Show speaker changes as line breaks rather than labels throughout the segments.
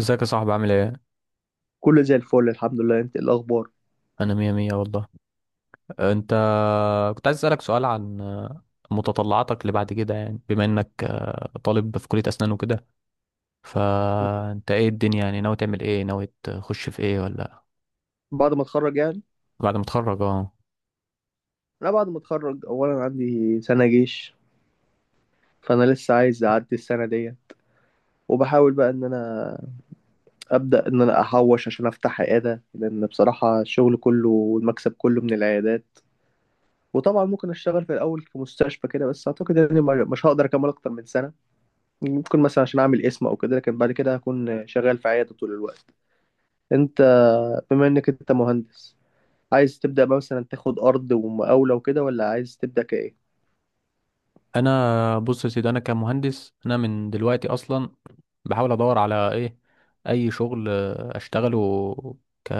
ازيك يا صاحبي، عامل ايه؟
كله زي الفل، الحمد لله. انت ايه الاخبار؟
انا مية مية والله. انت كنت عايز اسألك سؤال عن متطلعاتك اللي بعد كده، يعني بما انك طالب في كلية اسنان وكده،
مم.
فانت ايه الدنيا، يعني ناوي تعمل ايه؟ ناوي تخش في ايه ولا
بعد ما اتخرج يعني،
بعد ما تتخرج؟ اه،
انا بعد ما اتخرج اولا عندي سنه جيش، فانا لسه عايز اعدي السنه دي، وبحاول بقى ان انا ابدا ان انا احوش عشان افتح عياده، لان بصراحه الشغل كله والمكسب كله من العيادات. وطبعا ممكن اشتغل في الاول في مستشفى كده، بس اعتقد اني مش هقدر اكمل اكتر من سنه. ممكن مثلا عشان اعمل اسم او كده، لكن بعد كده هكون شغال في عياده طول الوقت. انت، بما انك انت مهندس، عايز تبدأ بقى مثلا تاخد أرض ومقاولة وكده، ولا عايز تبدأ كإيه؟
انا بص يا سيدي، انا كمهندس، انا من دلوقتي اصلا بحاول ادور على ايه، اي شغل اشتغله ك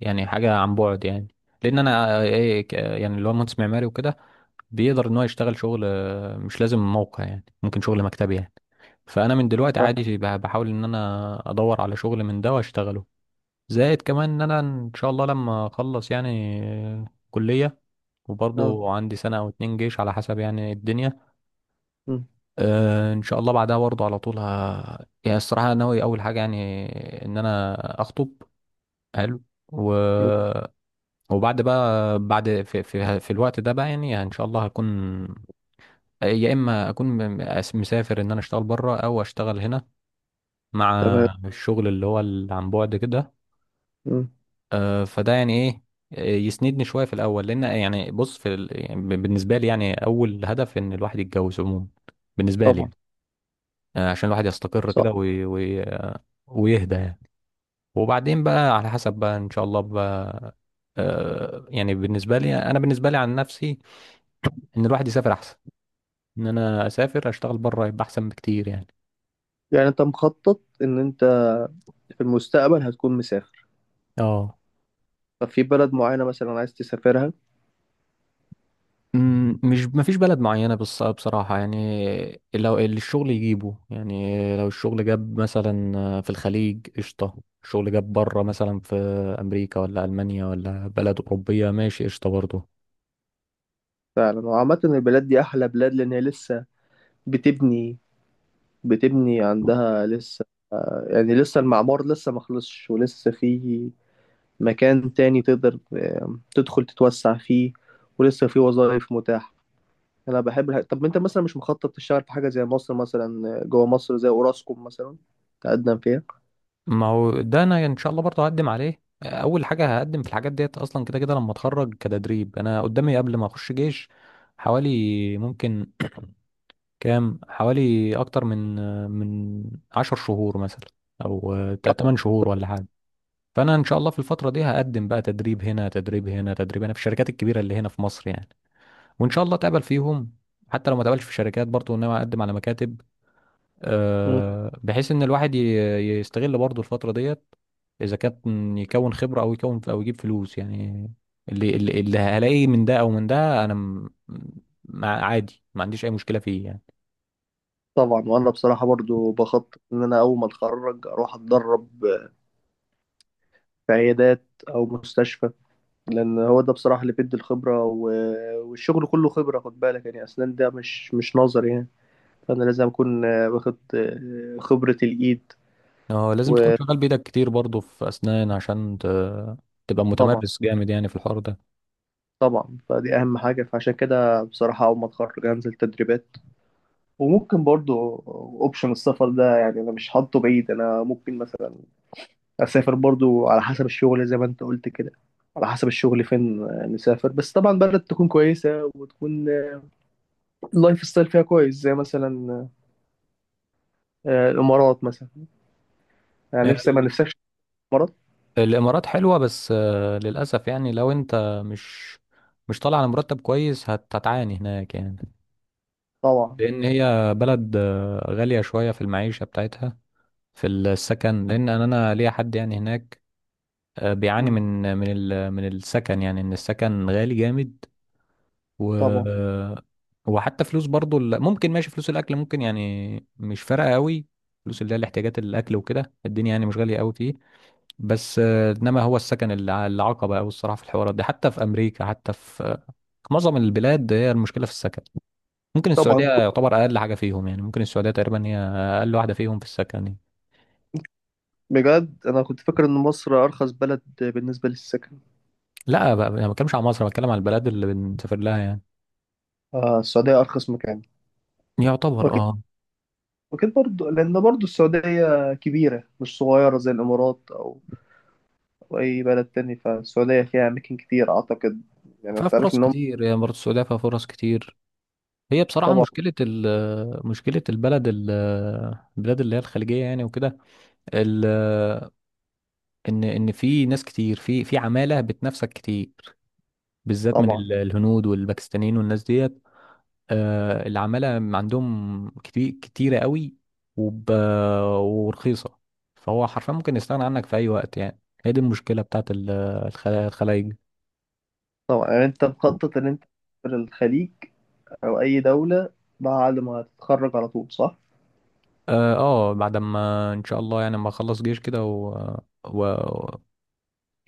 يعني حاجه عن بعد يعني. لان انا يعني اللي هو مهندس معماري وكده بيقدر ان هو يشتغل شغل، مش لازم موقع، يعني ممكن شغل مكتبي يعني. فانا من دلوقتي عادي بحاول ان انا ادور على شغل من ده واشتغله. زائد كمان ان انا ان شاء الله لما اخلص يعني كليه،
اه.
وبرضه عندي سنه او اتنين جيش على حسب يعني الدنيا.
مم.
ان شاء الله بعدها برضه على طول. يعني الصراحه أنا ناوي اول حاجه يعني، ان انا اخطب. حلو. و... وبعد بقى، بعد في الوقت ده بقى، يعني ان شاء الله هكون يا اما اكون مسافر، ان انا اشتغل بره او اشتغل هنا مع
تمام.
الشغل اللي هو اللي عن بعد كده.
مم.
فده يعني ايه، يسندني شويه في الاول. لان يعني بص يعني بالنسبه لي، يعني اول هدف ان الواحد يتجوز عموما، بالنسبه لي
طبعا.
يعني، عشان الواحد يستقر
صح.
كده ويهدى يعني. وبعدين بقى على حسب بقى ان شاء الله بقى. يعني بالنسبه لي انا، بالنسبه لي عن نفسي، ان الواحد يسافر احسن، ان انا اسافر اشتغل بره يبقى احسن بكتير يعني.
يعني أنت مخطط إن أنت في المستقبل هتكون مسافر
اه.
ففي بلد معينة مثلا عايز تسافرها؟
مش، ما فيش بلد معينه، بص بصراحه يعني لو اللي الشغل يجيبه، يعني لو الشغل جاب مثلا في الخليج قشطه، الشغل جاب بره مثلا في امريكا ولا المانيا ولا بلد اوروبيه ماشي قشطه برضه.
فعلا، وعامة البلاد دي أحلى بلاد، لأن هي لسه بتبني، بتبني عندها لسه، يعني لسه المعمار لسه ما خلصش، ولسه في مكان تاني تقدر تدخل تتوسع فيه، ولسه في وظائف متاحة. انا بحب طب انت مثلا مش مخطط تشتغل في حاجه زي مصر مثلا، جوه مصر زي اوراسكوم مثلا، تقدم فيها؟
ما هو ده انا ان شاء الله برضه هقدم عليه، اول حاجه هقدم في الحاجات ديت اصلا كده كده لما اتخرج كتدريب. انا قدامي قبل ما اخش جيش حوالي ممكن كام، حوالي اكتر من 10 شهور مثلا، او 8 شهور ولا حاجه. فانا ان شاء الله في الفتره دي هقدم بقى تدريب هنا، تدريب هنا، تدريب هنا، في الشركات الكبيره اللي هنا في مصر يعني، وان شاء الله اتقبل فيهم. حتى لو ما اتقبلش في شركات، برضه ان انا اقدم على مكاتب،
مم.
بحيث ان الواحد يستغل برضه الفترة ديت، اذا كان يكون خبرة او يكون او يجيب فلوس يعني. اللي هلاقيه من ده او من ده، انا مع عادي، ما عنديش اي مشكلة فيه يعني.
طبعا. وانا بصراحه برضو بخطط ان انا اول ما اتخرج اروح اتدرب في عيادات او مستشفى، لان هو ده بصراحه اللي بيدي الخبره والشغل كله خبره. خد بالك يعني، اسنان ده مش نظر يعني، فانا لازم اكون واخد خبره الايد.
اه لازم تكون شغال بايدك كتير برضه في اسنان، عشان تبقى
وطبعا
متمرس جامد يعني في الحوار ده.
طبعا فدي اهم حاجه، فعشان كده بصراحه اول ما اتخرج هنزل تدريبات. وممكن برضو اوبشن السفر ده، يعني انا مش حاطه بعيد، انا ممكن مثلا اسافر برضو على حسب الشغل زي ما انت قلت كده. على حسب الشغل فين نسافر، بس طبعا بلد تكون كويسة، وتكون اللايف ستايل فيها كويس، زي مثلا الامارات مثلا، يعني نفسي. ما
ال-
نفسكش الامارات؟
الامارات حلوة، بس للاسف يعني لو انت مش طالع على مرتب كويس هتعاني هناك يعني.
طبعا.
لان هي بلد غالية شوية في المعيشة بتاعتها، في السكن. لان انا، أنا ليا حد يعني هناك بيعاني
مم.
من السكن، يعني ان السكن غالي جامد. و
طبعا.
وحتى فلوس برضو ممكن ماشي، فلوس الاكل ممكن يعني مش فارقة قوي. فلوس اللي هي الاحتياجات، الاكل وكده، الدنيا يعني مش غالية قوي فيه. بس انما هو السكن العقبة قوي الصراحة في الحوارات دي، حتى في امريكا، حتى في في معظم البلاد هي المشكلة في السكن. ممكن السعودية
طبعا.
يعتبر أقل حاجة فيهم، يعني ممكن السعودية تقريبا هي أقل واحدة فيهم في السكن يعني.
بجد انا كنت فاكر ان مصر ارخص بلد بالنسبة للسكن.
لا بقى، أنا ما بتكلمش على مصر، أنا بتكلم على البلد اللي بنسافر لها يعني.
السعودية ارخص مكان؟
يعتبر
واكيد.
أه.
واكيد برضو، لان برضو السعودية كبيرة مش صغيرة زي الامارات او وأي بلد تاني، فالسعودية فيها أماكن كتير أعتقد. يعني
فيها
أنت عارف
فرص
إن هم،
كتير يعني، برضه السعودية فيها فرص كتير. هي بصراحة
طبعا.
مشكلة مشكلة البلد ال البلاد اللي هي الخليجية يعني وكده. ال- إن في ناس كتير، في في عمالة بتنافسك كتير، بالذات من
طبعا.
الهنود والباكستانيين والناس ديت. العمالة عندهم كتير، كتيرة قوي وب... ورخيصة. فهو حرفيا ممكن يستغنى عنك في أي وقت يعني. هي دي المشكلة بتاعت الخلايج.
طبعا. يعني أنت مخطط إن أنت تسافر الخليج أو أي دولة بعد ما تتخرج على طول، صح؟
اه، بعد ما ان شاء الله يعني ما اخلص جيش كده و...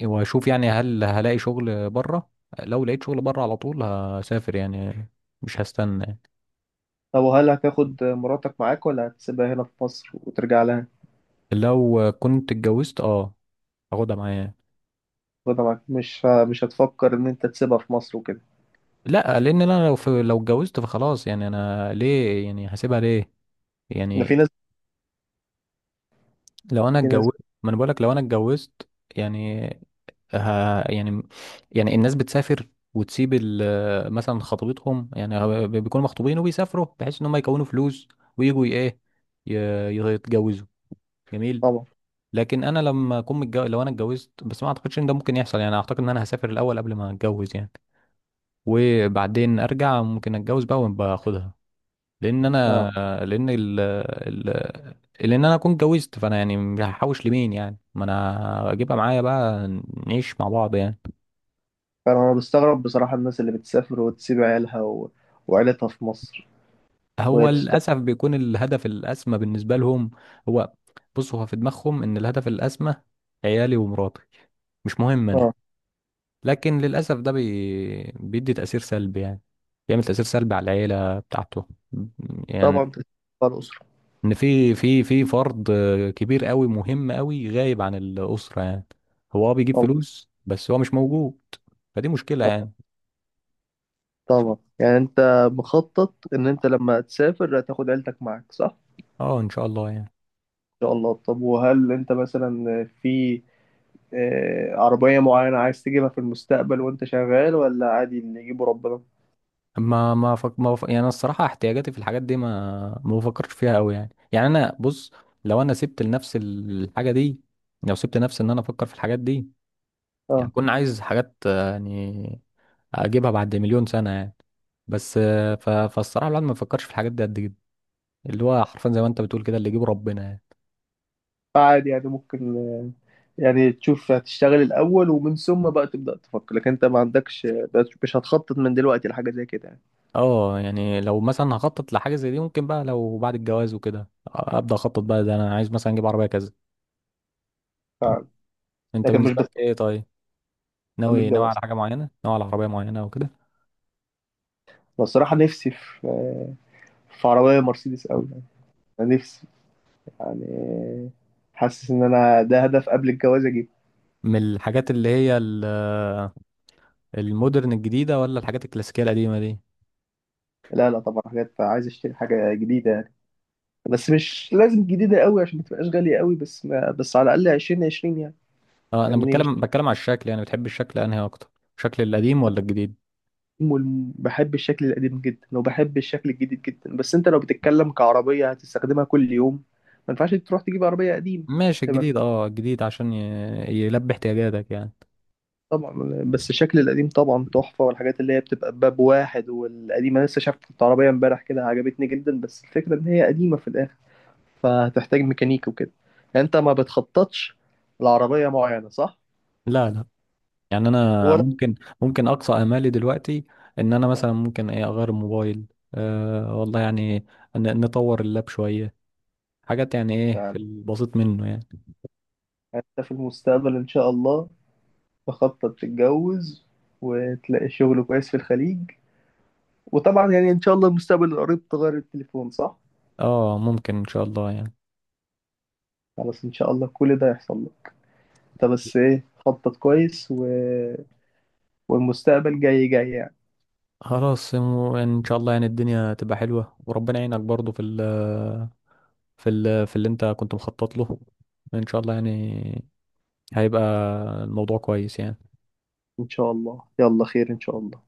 واشوف يعني هل هلاقي شغل بره. لو لقيت شغل بره على طول هسافر يعني، مش هستنى يعني.
طب وهل هتاخد مراتك معاك، ولا هتسيبها هنا في مصر وترجع لها؟
لو كنت اتجوزت اه هاخدها معايا.
تاخدها معاك؟ مش هتفكر إن أنت تسيبها في مصر وكده؟
لا، لان انا لو اتجوزت فخلاص يعني، انا ليه يعني هسيبها ليه
ده في
يعني.
ناس،
لو انا
في ناس.
اتجوزت، ما انا بقولك لو انا اتجوزت يعني. ها يعني، يعني الناس بتسافر وتسيب مثلا خطيبتهم، يعني هو بيكونوا مخطوبين وبيسافروا بحيث ان هم يكونوا فلوس، ويجوا ايه يتجوزوا. جميل.
طبعا.
لكن انا لما اكون متجوز، لو انا اتجوزت، بس ما اعتقدش ان ده ممكن يحصل يعني، اعتقد ان انا هسافر الاول قبل ما اتجوز يعني، وبعدين ارجع ممكن اتجوز بقى وباخدها. لان
اه.
انا لان ال ال لان انا اكون اتجوزت، فانا يعني هحوش لمين يعني، ما انا اجيبها معايا بقى، نعيش مع بعض يعني.
فأنا، بستغرب بصراحة الناس اللي بتسافر وتسيب عيالها وعيلتها في مصر
هو
وهي تشتغل.
للاسف بيكون الهدف الاسمى بالنسبه لهم. هو بص، هو في دماغهم ان الهدف الاسمى عيالي ومراتي، مش مهم انا.
اه.
لكن للاسف ده بيدي تاثير سلبي يعني، بيعمل تاثير سلبي على العيله بتاعته يعني.
طبعا تسيب الأسرة.
ان في فرد كبير قوي مهم قوي غايب عن الاسره يعني، هو اه بيجيب
طبعا.
فلوس بس هو مش موجود. فدي مشكله يعني.
طبعا يعني انت مخطط ان انت لما تسافر هتاخد عيلتك معاك، صح؟ ان
اه ان شاء الله يعني.
شاء الله. طب وهل انت مثلا في عربية معينة عايز تجيبها في المستقبل وانت شغال، ولا عادي اللي يجيبه ربنا؟
ما ما فك... ما فك... يعني أنا الصراحه احتياجاتي في الحاجات دي ما بفكرش فيها قوي يعني. يعني انا بص، لو انا سبت لنفس الحاجه دي، لو سبت نفسي ان انا افكر في الحاجات دي، يعني
اه،
كنت عايز حاجات يعني اجيبها بعد مليون سنه يعني. بس فالصراحه الواحد ما بيفكرش في الحاجات دي قد كده، اللي هو حرفيا زي ما انت بتقول كده، اللي يجيبه ربنا يعني.
عادي. يعني ممكن يعني تشوف هتشتغل الأول، ومن ثم بقى تبدأ تفكر، لكن انت ما عندكش، مش هتخطط من دلوقتي لحاجة زي كده يعني؟
اه يعني لو مثلا هخطط لحاجه زي دي، ممكن بقى لو بعد الجواز وكده ابدا اخطط بقى، ده انا عايز مثلا اجيب عربيه كذا.
فعلا.
انت
لكن مش
بالنسبه لك
بتفكر
ايه طيب؟
قبل
ناوي، ناوي
الجواز؟
على حاجه معينه، ناوي على عربيه معينه او كده؟
بس الصراحة نفسي في عربية مرسيدس أوي يعني. أنا نفسي، يعني حاسس ان انا ده هدف قبل الجواز اجيبه.
من الحاجات اللي هي المودرن الجديده، ولا الحاجات الكلاسيكيه القديمه دي؟
لا لا، طبعا حاجات عايز اشتري حاجه جديده يعني، بس مش لازم جديده قوي عشان ما تبقاش غاليه قوي، بس ما بس على الاقل 2020 يعني.
اه انا
فاهمني؟ مش
بتكلم بتكلم على الشكل، يعني بتحب الشكل انهي اكتر، شكل القديم ولا الجديد؟
والم- بحب الشكل القديم جدا، وبحب الشكل الجديد جدا، بس انت لو بتتكلم كعربيه هتستخدمها كل يوم، ما ينفعش تروح تجيب عربيه قديم.
ماشي،
هيبقى
الجديد اه الجديد عشان يلبي احتياجاتك يعني.
طبعا. بس الشكل القديم طبعا تحفه، والحاجات اللي هي بتبقى باب واحد والقديمه. لسه شفت عربيه امبارح كده عجبتني جدا، بس الفكره ان هي قديمه في الاخر، فهتحتاج ميكانيكي وكده. يعني انت ما بتخططش لعربية معينة، صح؟
لا لا، يعني انا
ولا
ممكن، ممكن اقصى امالي دلوقتي ان انا مثلا
آه،
ممكن ايه اغير الموبايل. أه والله يعني، نطور اللاب شويه، حاجات يعني ايه في
يعني
البسيط منه يعني.
انت في المستقبل ان شاء الله تخطط تتجوز، وتلاقي شغل كويس في الخليج، وطبعا يعني ان شاء الله المستقبل القريب تغير التليفون، صح؟
اه ممكن ان شاء الله يعني.
خلاص ان شاء الله كل ده يحصل لك. انت بس ايه، خطط كويس والمستقبل جاي جاي يعني.
خلاص ان شاء الله يعني الدنيا تبقى حلوه، وربنا يعينك برضو في اللي انت كنت مخطط له، ان شاء الله يعني هيبقى الموضوع كويس يعني.
ان شاء الله. يلا، خير ان شاء الله.